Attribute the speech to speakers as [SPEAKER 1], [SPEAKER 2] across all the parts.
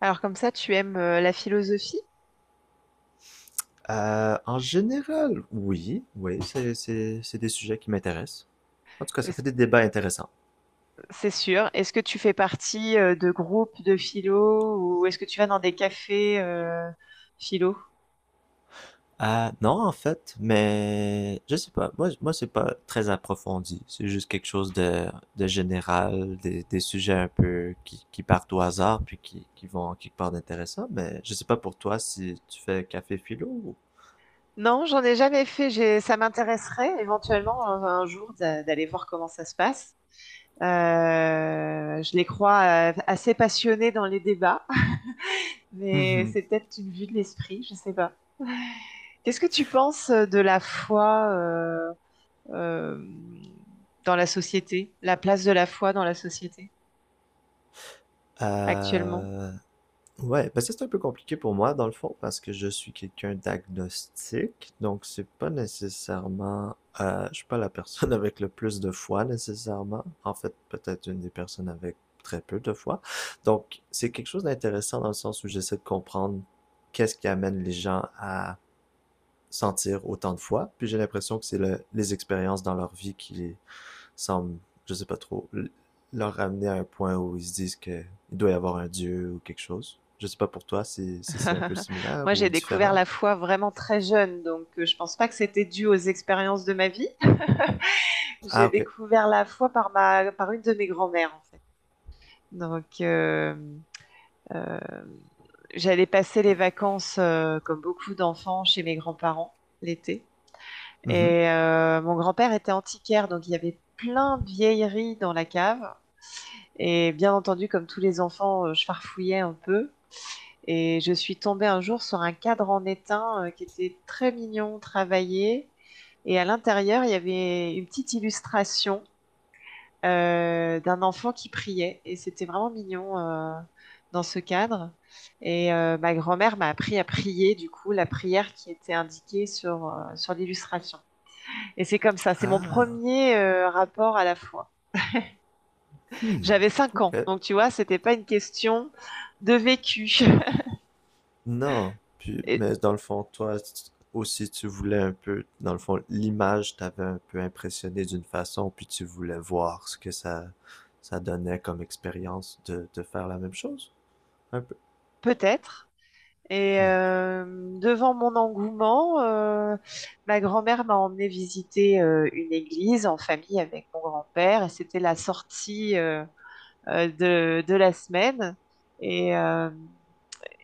[SPEAKER 1] Alors comme ça, tu aimes la philosophie?
[SPEAKER 2] En général, oui, oui, c'est des sujets qui m'intéressent. En tout cas, ça fait
[SPEAKER 1] Est-ce-
[SPEAKER 2] des débats intéressants.
[SPEAKER 1] C'est sûr. Est-ce que tu fais partie de groupes de philo ou est-ce que tu vas dans des cafés philo?
[SPEAKER 2] Ah, non, en fait, mais je sais pas. Moi, c'est pas très approfondi. C'est juste quelque chose de général, des sujets un peu qui partent au hasard puis qui vont quelque part d'intéressant. Mais je sais pas pour toi si tu fais café philo ou.
[SPEAKER 1] Non, j'en ai jamais fait. Ça m'intéresserait éventuellement un jour d'aller voir comment ça se passe. Euh, je les crois assez passionnés dans les débats, mais
[SPEAKER 2] Mhm.
[SPEAKER 1] c'est peut-être une vue de l'esprit, je sais pas. Qu'est-ce que tu penses de la foi euh, dans la société, la place de la foi dans la société? Actuellement.
[SPEAKER 2] Euh, Ouais, ben ça c'est un peu compliqué pour moi dans le fond parce que je suis quelqu'un d'agnostique, donc c'est pas nécessairement, je suis pas la personne avec le plus de foi nécessairement. En fait, peut-être une des personnes avec très peu de foi. Donc c'est quelque chose d'intéressant dans le sens où j'essaie de comprendre qu'est-ce qui amène les gens à sentir autant de foi. Puis j'ai l'impression que c'est les expériences dans leur vie qui les, semble, je sais pas trop, leur ramener à un point où ils se disent que il doit y avoir un dieu ou quelque chose. Je sais pas pour toi si, si c'est un peu similaire
[SPEAKER 1] Moi,
[SPEAKER 2] ou
[SPEAKER 1] j'ai découvert
[SPEAKER 2] différent.
[SPEAKER 1] la foi vraiment très jeune, donc je pense pas que c'était dû aux expériences de ma vie.
[SPEAKER 2] Ah,
[SPEAKER 1] J'ai
[SPEAKER 2] ok.
[SPEAKER 1] découvert la foi par par une de mes grand-mères, en fait. Donc, euh, j'allais passer les vacances, comme beaucoup d'enfants, chez mes grands-parents l'été.
[SPEAKER 2] Mhm.
[SPEAKER 1] Et mon grand-père était antiquaire, donc il y avait plein de vieilleries dans la cave. Et bien entendu, comme tous les enfants, je farfouillais un peu. Et je suis tombée un jour sur un cadre en étain qui était très mignon, travaillé. Et à l'intérieur, il y avait une petite illustration d'un enfant qui priait. Et c'était vraiment mignon dans ce cadre. Et ma grand-mère m'a appris à prier, du coup, la prière qui était indiquée sur, sur l'illustration. Et c'est comme ça, c'est mon
[SPEAKER 2] Ah,
[SPEAKER 1] premier rapport à la foi.
[SPEAKER 2] hmm.
[SPEAKER 1] J'avais cinq
[SPEAKER 2] Ok.
[SPEAKER 1] ans, donc tu vois, c'était pas une question de vécu.
[SPEAKER 2] Non. Puis,
[SPEAKER 1] Et
[SPEAKER 2] mais dans le fond, toi si tu- aussi, tu voulais un peu, dans le fond, l'image t'avait un peu impressionné d'une façon, puis tu voulais voir ce que ça donnait comme expérience de faire la même chose, un peu.
[SPEAKER 1] peut-être, et
[SPEAKER 2] Hmm.
[SPEAKER 1] devant mon engouement, ma grand-mère m'a emmené visiter une église en famille avec mon grand-père. Et c'était la sortie de la semaine. Et, euh,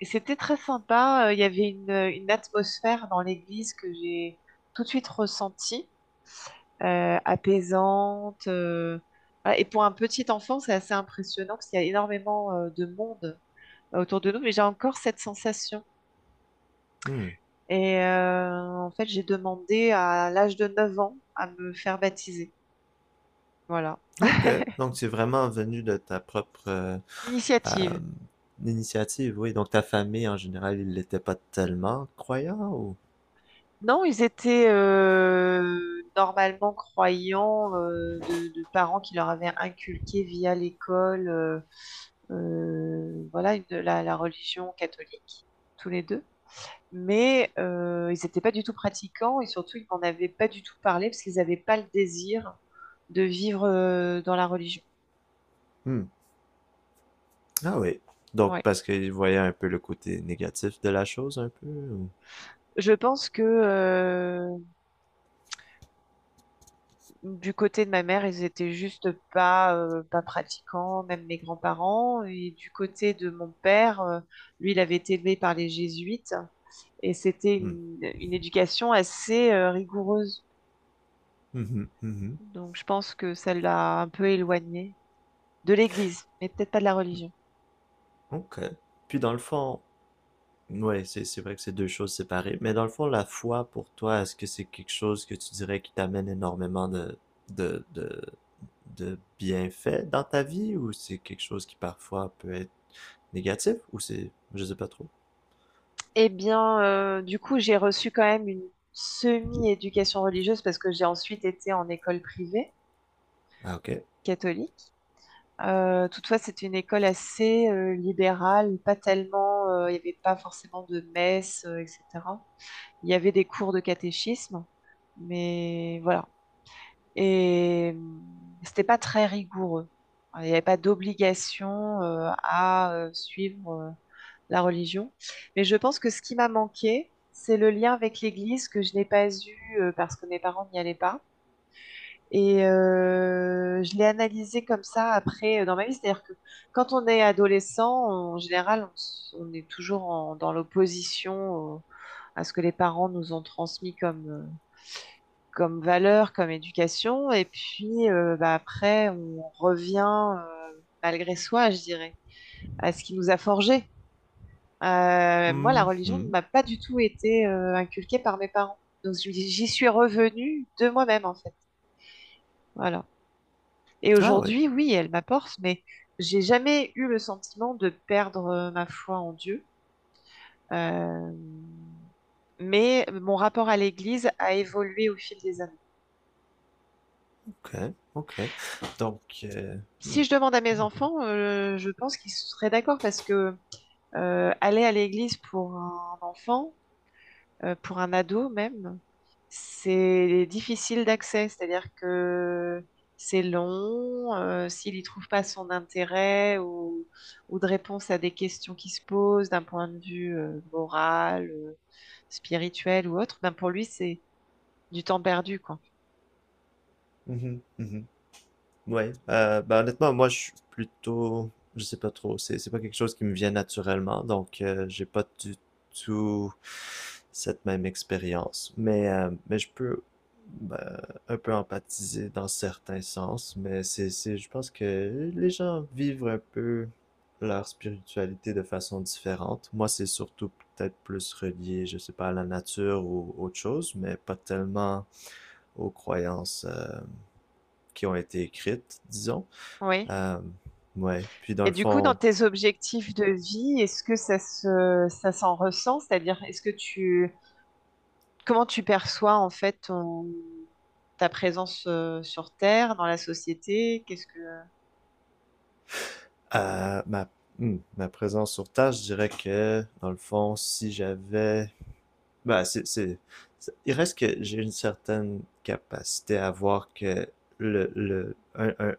[SPEAKER 1] et c'était très sympa. Il y avait une atmosphère dans l'église que j'ai tout de suite ressentie, apaisante. Voilà. Et pour un petit enfant, c'est assez impressionnant parce qu'il y a énormément de monde autour de nous. Mais j'ai encore cette sensation.
[SPEAKER 2] Hmm,
[SPEAKER 1] Et en fait, j'ai demandé à l'âge de 9 ans à me faire baptiser. Voilà.
[SPEAKER 2] OK, donc c'est vraiment venu de ta propre,
[SPEAKER 1] Initiative.
[SPEAKER 2] hem, initiative, oui, donc ta famille en général, ils n'étaient pas tellement croyants ou?
[SPEAKER 1] Non, ils étaient normalement croyants de parents qui leur avaient inculqué via l'école voilà, la religion catholique, tous les deux. Mais ils n'étaient pas du tout pratiquants et surtout, ils n'en avaient pas du tout parlé parce qu'ils n'avaient pas le désir de vivre dans la religion.
[SPEAKER 2] Hmm. Ah oui, donc
[SPEAKER 1] Ouais.
[SPEAKER 2] parce qu'ils voyaient un peu le côté négatif de la chose un peu ou?
[SPEAKER 1] Je pense que du côté de ma mère, ils étaient juste pas, pas pratiquants, même mes grands-parents. Et du côté de mon père, lui, il avait été élevé par les jésuites et c'était
[SPEAKER 2] Hmm.
[SPEAKER 1] une éducation assez rigoureuse.
[SPEAKER 2] Mmh mh. Mmh
[SPEAKER 1] Donc, je pense que ça l'a un peu éloigné de l'Église, mais peut-être pas de la religion.
[SPEAKER 2] OK, puis dans le fond. Ouais, c'est vrai que c'est deux choses séparées. Mais dans le fond, la foi pour toi, est-ce que c'est quelque chose que tu dirais qui t'amène énormément de, de, de bienfaits dans ta vie ou c'est quelque chose qui parfois peut être négatif ou c'est, je sais pas trop.
[SPEAKER 1] Eh bien, du coup, j'ai reçu quand même une semi-éducation religieuse parce que j'ai ensuite été en école privée
[SPEAKER 2] Ah, ok.
[SPEAKER 1] catholique. Toutefois, c'était une école assez libérale, pas tellement, il n'y avait pas forcément de messe, etc. Il y avait des cours de catéchisme, mais voilà. Et c'était pas très rigoureux. Enfin, il n'y avait pas d'obligation à suivre la religion. Mais je pense que ce qui m'a manqué, c'est le lien avec l'Église que je n'ai pas eu parce que mes parents n'y allaient pas. Et je l'ai analysé comme ça après dans ma vie. C'est-à-dire que quand on est adolescent, en général, on est toujours dans l'opposition à ce que les parents nous ont transmis comme, comme valeur, comme éducation. Et puis bah, après, on revient euh, malgré soi, je dirais, à ce qui nous a forgé. Moi, la religion ne
[SPEAKER 2] Mhm.
[SPEAKER 1] m'a pas du tout été inculquée par mes parents. Donc j'y suis revenue de moi-même, en fait. Voilà. Et
[SPEAKER 2] Ah ouais,
[SPEAKER 1] aujourd'hui, oui, elle m'apporte, mais j'ai jamais eu le sentiment de perdre ma foi en Dieu. Euh, mais mon rapport à l'Église a évolué au fil des années.
[SPEAKER 2] ok, ok. Donc, hmm,
[SPEAKER 1] Si je demande à mes
[SPEAKER 2] hmm,
[SPEAKER 1] enfants, je pense qu'ils seraient d'accord parce que aller à l'Église pour un enfant, pour un ado même, c'est difficile d'accès, c'est-à-dire que c'est long. S'il n'y trouve pas son intérêt ou de réponse à des questions qui se posent d'un point de vue moral, spirituel ou autre, ben pour lui, c'est du temps perdu, quoi.
[SPEAKER 2] mhm, mhm. Ouais, ben honnêtement, moi je suis plutôt, je sais pas trop, c'est pas quelque chose qui me vient naturellement, donc j'ai pas du tout cette même expérience. Mais je peux ben, un peu empathiser dans certains sens, mais c'est, je pense que les gens vivent un peu leur spiritualité de façon différente. Moi, c'est surtout peut-être plus relié, je sais pas, à la nature ou autre chose, mais pas tellement aux croyances qui ont été écrites, disons.
[SPEAKER 1] Oui.
[SPEAKER 2] Euh, ouais, puis dans
[SPEAKER 1] Et
[SPEAKER 2] le
[SPEAKER 1] du coup, dans
[SPEAKER 2] fond,
[SPEAKER 1] tes objectifs de vie, est-ce que ça se, ça s'en ressent? C'est-à-dire, est-ce que tu, comment tu perçois en fait ta présence sur Terre, dans la société? Qu'est-ce
[SPEAKER 2] euh, ma, ma présence sur tâche, je dirais que, dans le fond, si j'avais... Bah, il reste que j'ai une certaine capacité à voir que le, le, un, un,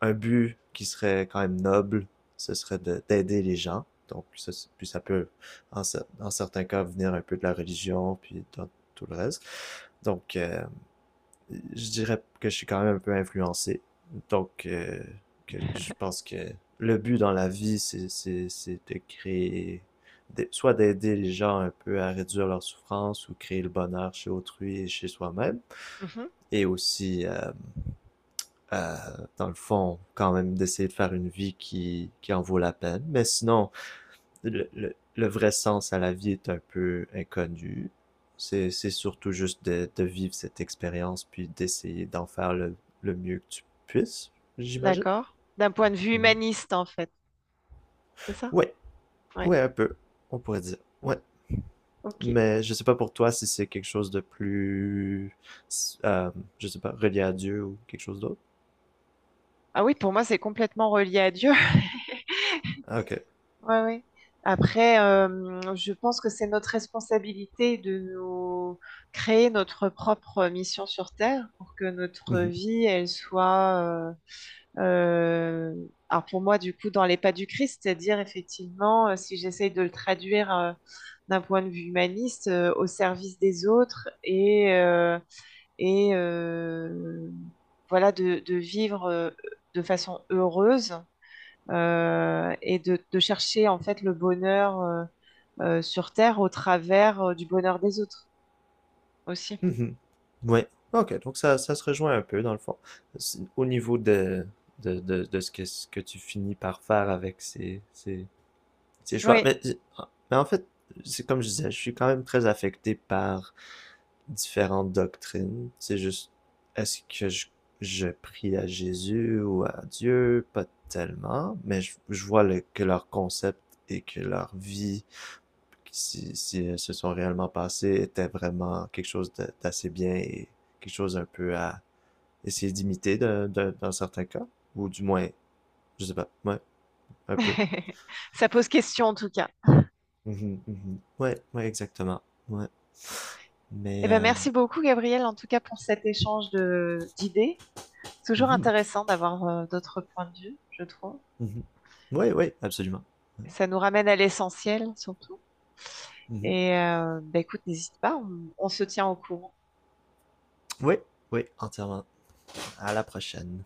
[SPEAKER 2] un but qui serait quand même noble, ce serait d'aider les gens. Donc, ça, puis ça peut, en certains cas, venir un peu de la religion, puis dans tout le reste. Donc, je dirais que je suis quand même un peu influencé. Donc, que je pense que le but dans la vie, c'est de créer, soit d'aider les gens un peu à réduire leur souffrance ou créer le bonheur chez autrui et chez soi-même.
[SPEAKER 1] que...
[SPEAKER 2] Et aussi, euh, dans le fond, quand même d'essayer de faire une vie qui en vaut la peine. Mais sinon, le vrai sens à la vie est un peu inconnu. C'est surtout juste de vivre cette expérience puis d'essayer d'en faire le mieux que tu puisses, j'imagine.
[SPEAKER 1] D'accord. D'un point de vue
[SPEAKER 2] Mhm.
[SPEAKER 1] humaniste, en fait. C'est ça?
[SPEAKER 2] Ouais,
[SPEAKER 1] Ouais.
[SPEAKER 2] ouais, un peu, on pourrait dire. Ouais,
[SPEAKER 1] Ok.
[SPEAKER 2] mais je sais pas pour toi si c'est quelque chose de plus, euh, je sais pas, relié à Dieu ou quelque chose d'autre.
[SPEAKER 1] Ah oui, pour moi, c'est complètement relié à Dieu.
[SPEAKER 2] Ah, ok.
[SPEAKER 1] Ouais, ouais. Après, je pense que c'est notre responsabilité de nous créer notre propre mission sur Terre pour que notre
[SPEAKER 2] Mhm.
[SPEAKER 1] vie, elle soit, euh, alors pour moi, du coup, dans les pas du Christ, c'est-à-dire effectivement, si j'essaye de le traduire d'un point de vue humaniste, au service des autres et euh, voilà de vivre de façon heureuse de chercher en fait le bonheur sur Terre au travers du bonheur des autres aussi.
[SPEAKER 2] Mhm. Ouais. OK, donc ça se rejoint un peu dans le fond. Au niveau de ce que tu finis par faire avec ces choix.
[SPEAKER 1] Oui,
[SPEAKER 2] Mais en fait, c'est comme je disais, je suis quand même très affecté par différentes doctrines. C'est juste, est-ce que je prie à Jésus ou à Dieu? Pas tellement, mais je vois que leur concept et que leur vie si, si elles se sont réellement passées était vraiment quelque chose d'assez bien et quelque chose un peu à essayer d'imiter dans certains cas, ou du moins, je sais pas, ouais, un peu.
[SPEAKER 1] ça pose question en tout cas.
[SPEAKER 2] Mhm, mhm. Ouais, ouais, exactement. Ouais.
[SPEAKER 1] Eh
[SPEAKER 2] Mais,
[SPEAKER 1] ben, merci beaucoup Gabriel en tout cas pour cet échange de d'idées. C'est toujours
[SPEAKER 2] mhm,
[SPEAKER 1] intéressant d'avoir d'autres points de vue, je trouve.
[SPEAKER 2] mhm. Ouais, ouais, absolument. Ouais,
[SPEAKER 1] Ça nous ramène à l'essentiel surtout.
[SPEAKER 2] mhm.
[SPEAKER 1] Et ben, écoute, n'hésite pas, on se tient au courant.
[SPEAKER 2] Ouais, ouais, entièrement. À la prochaine.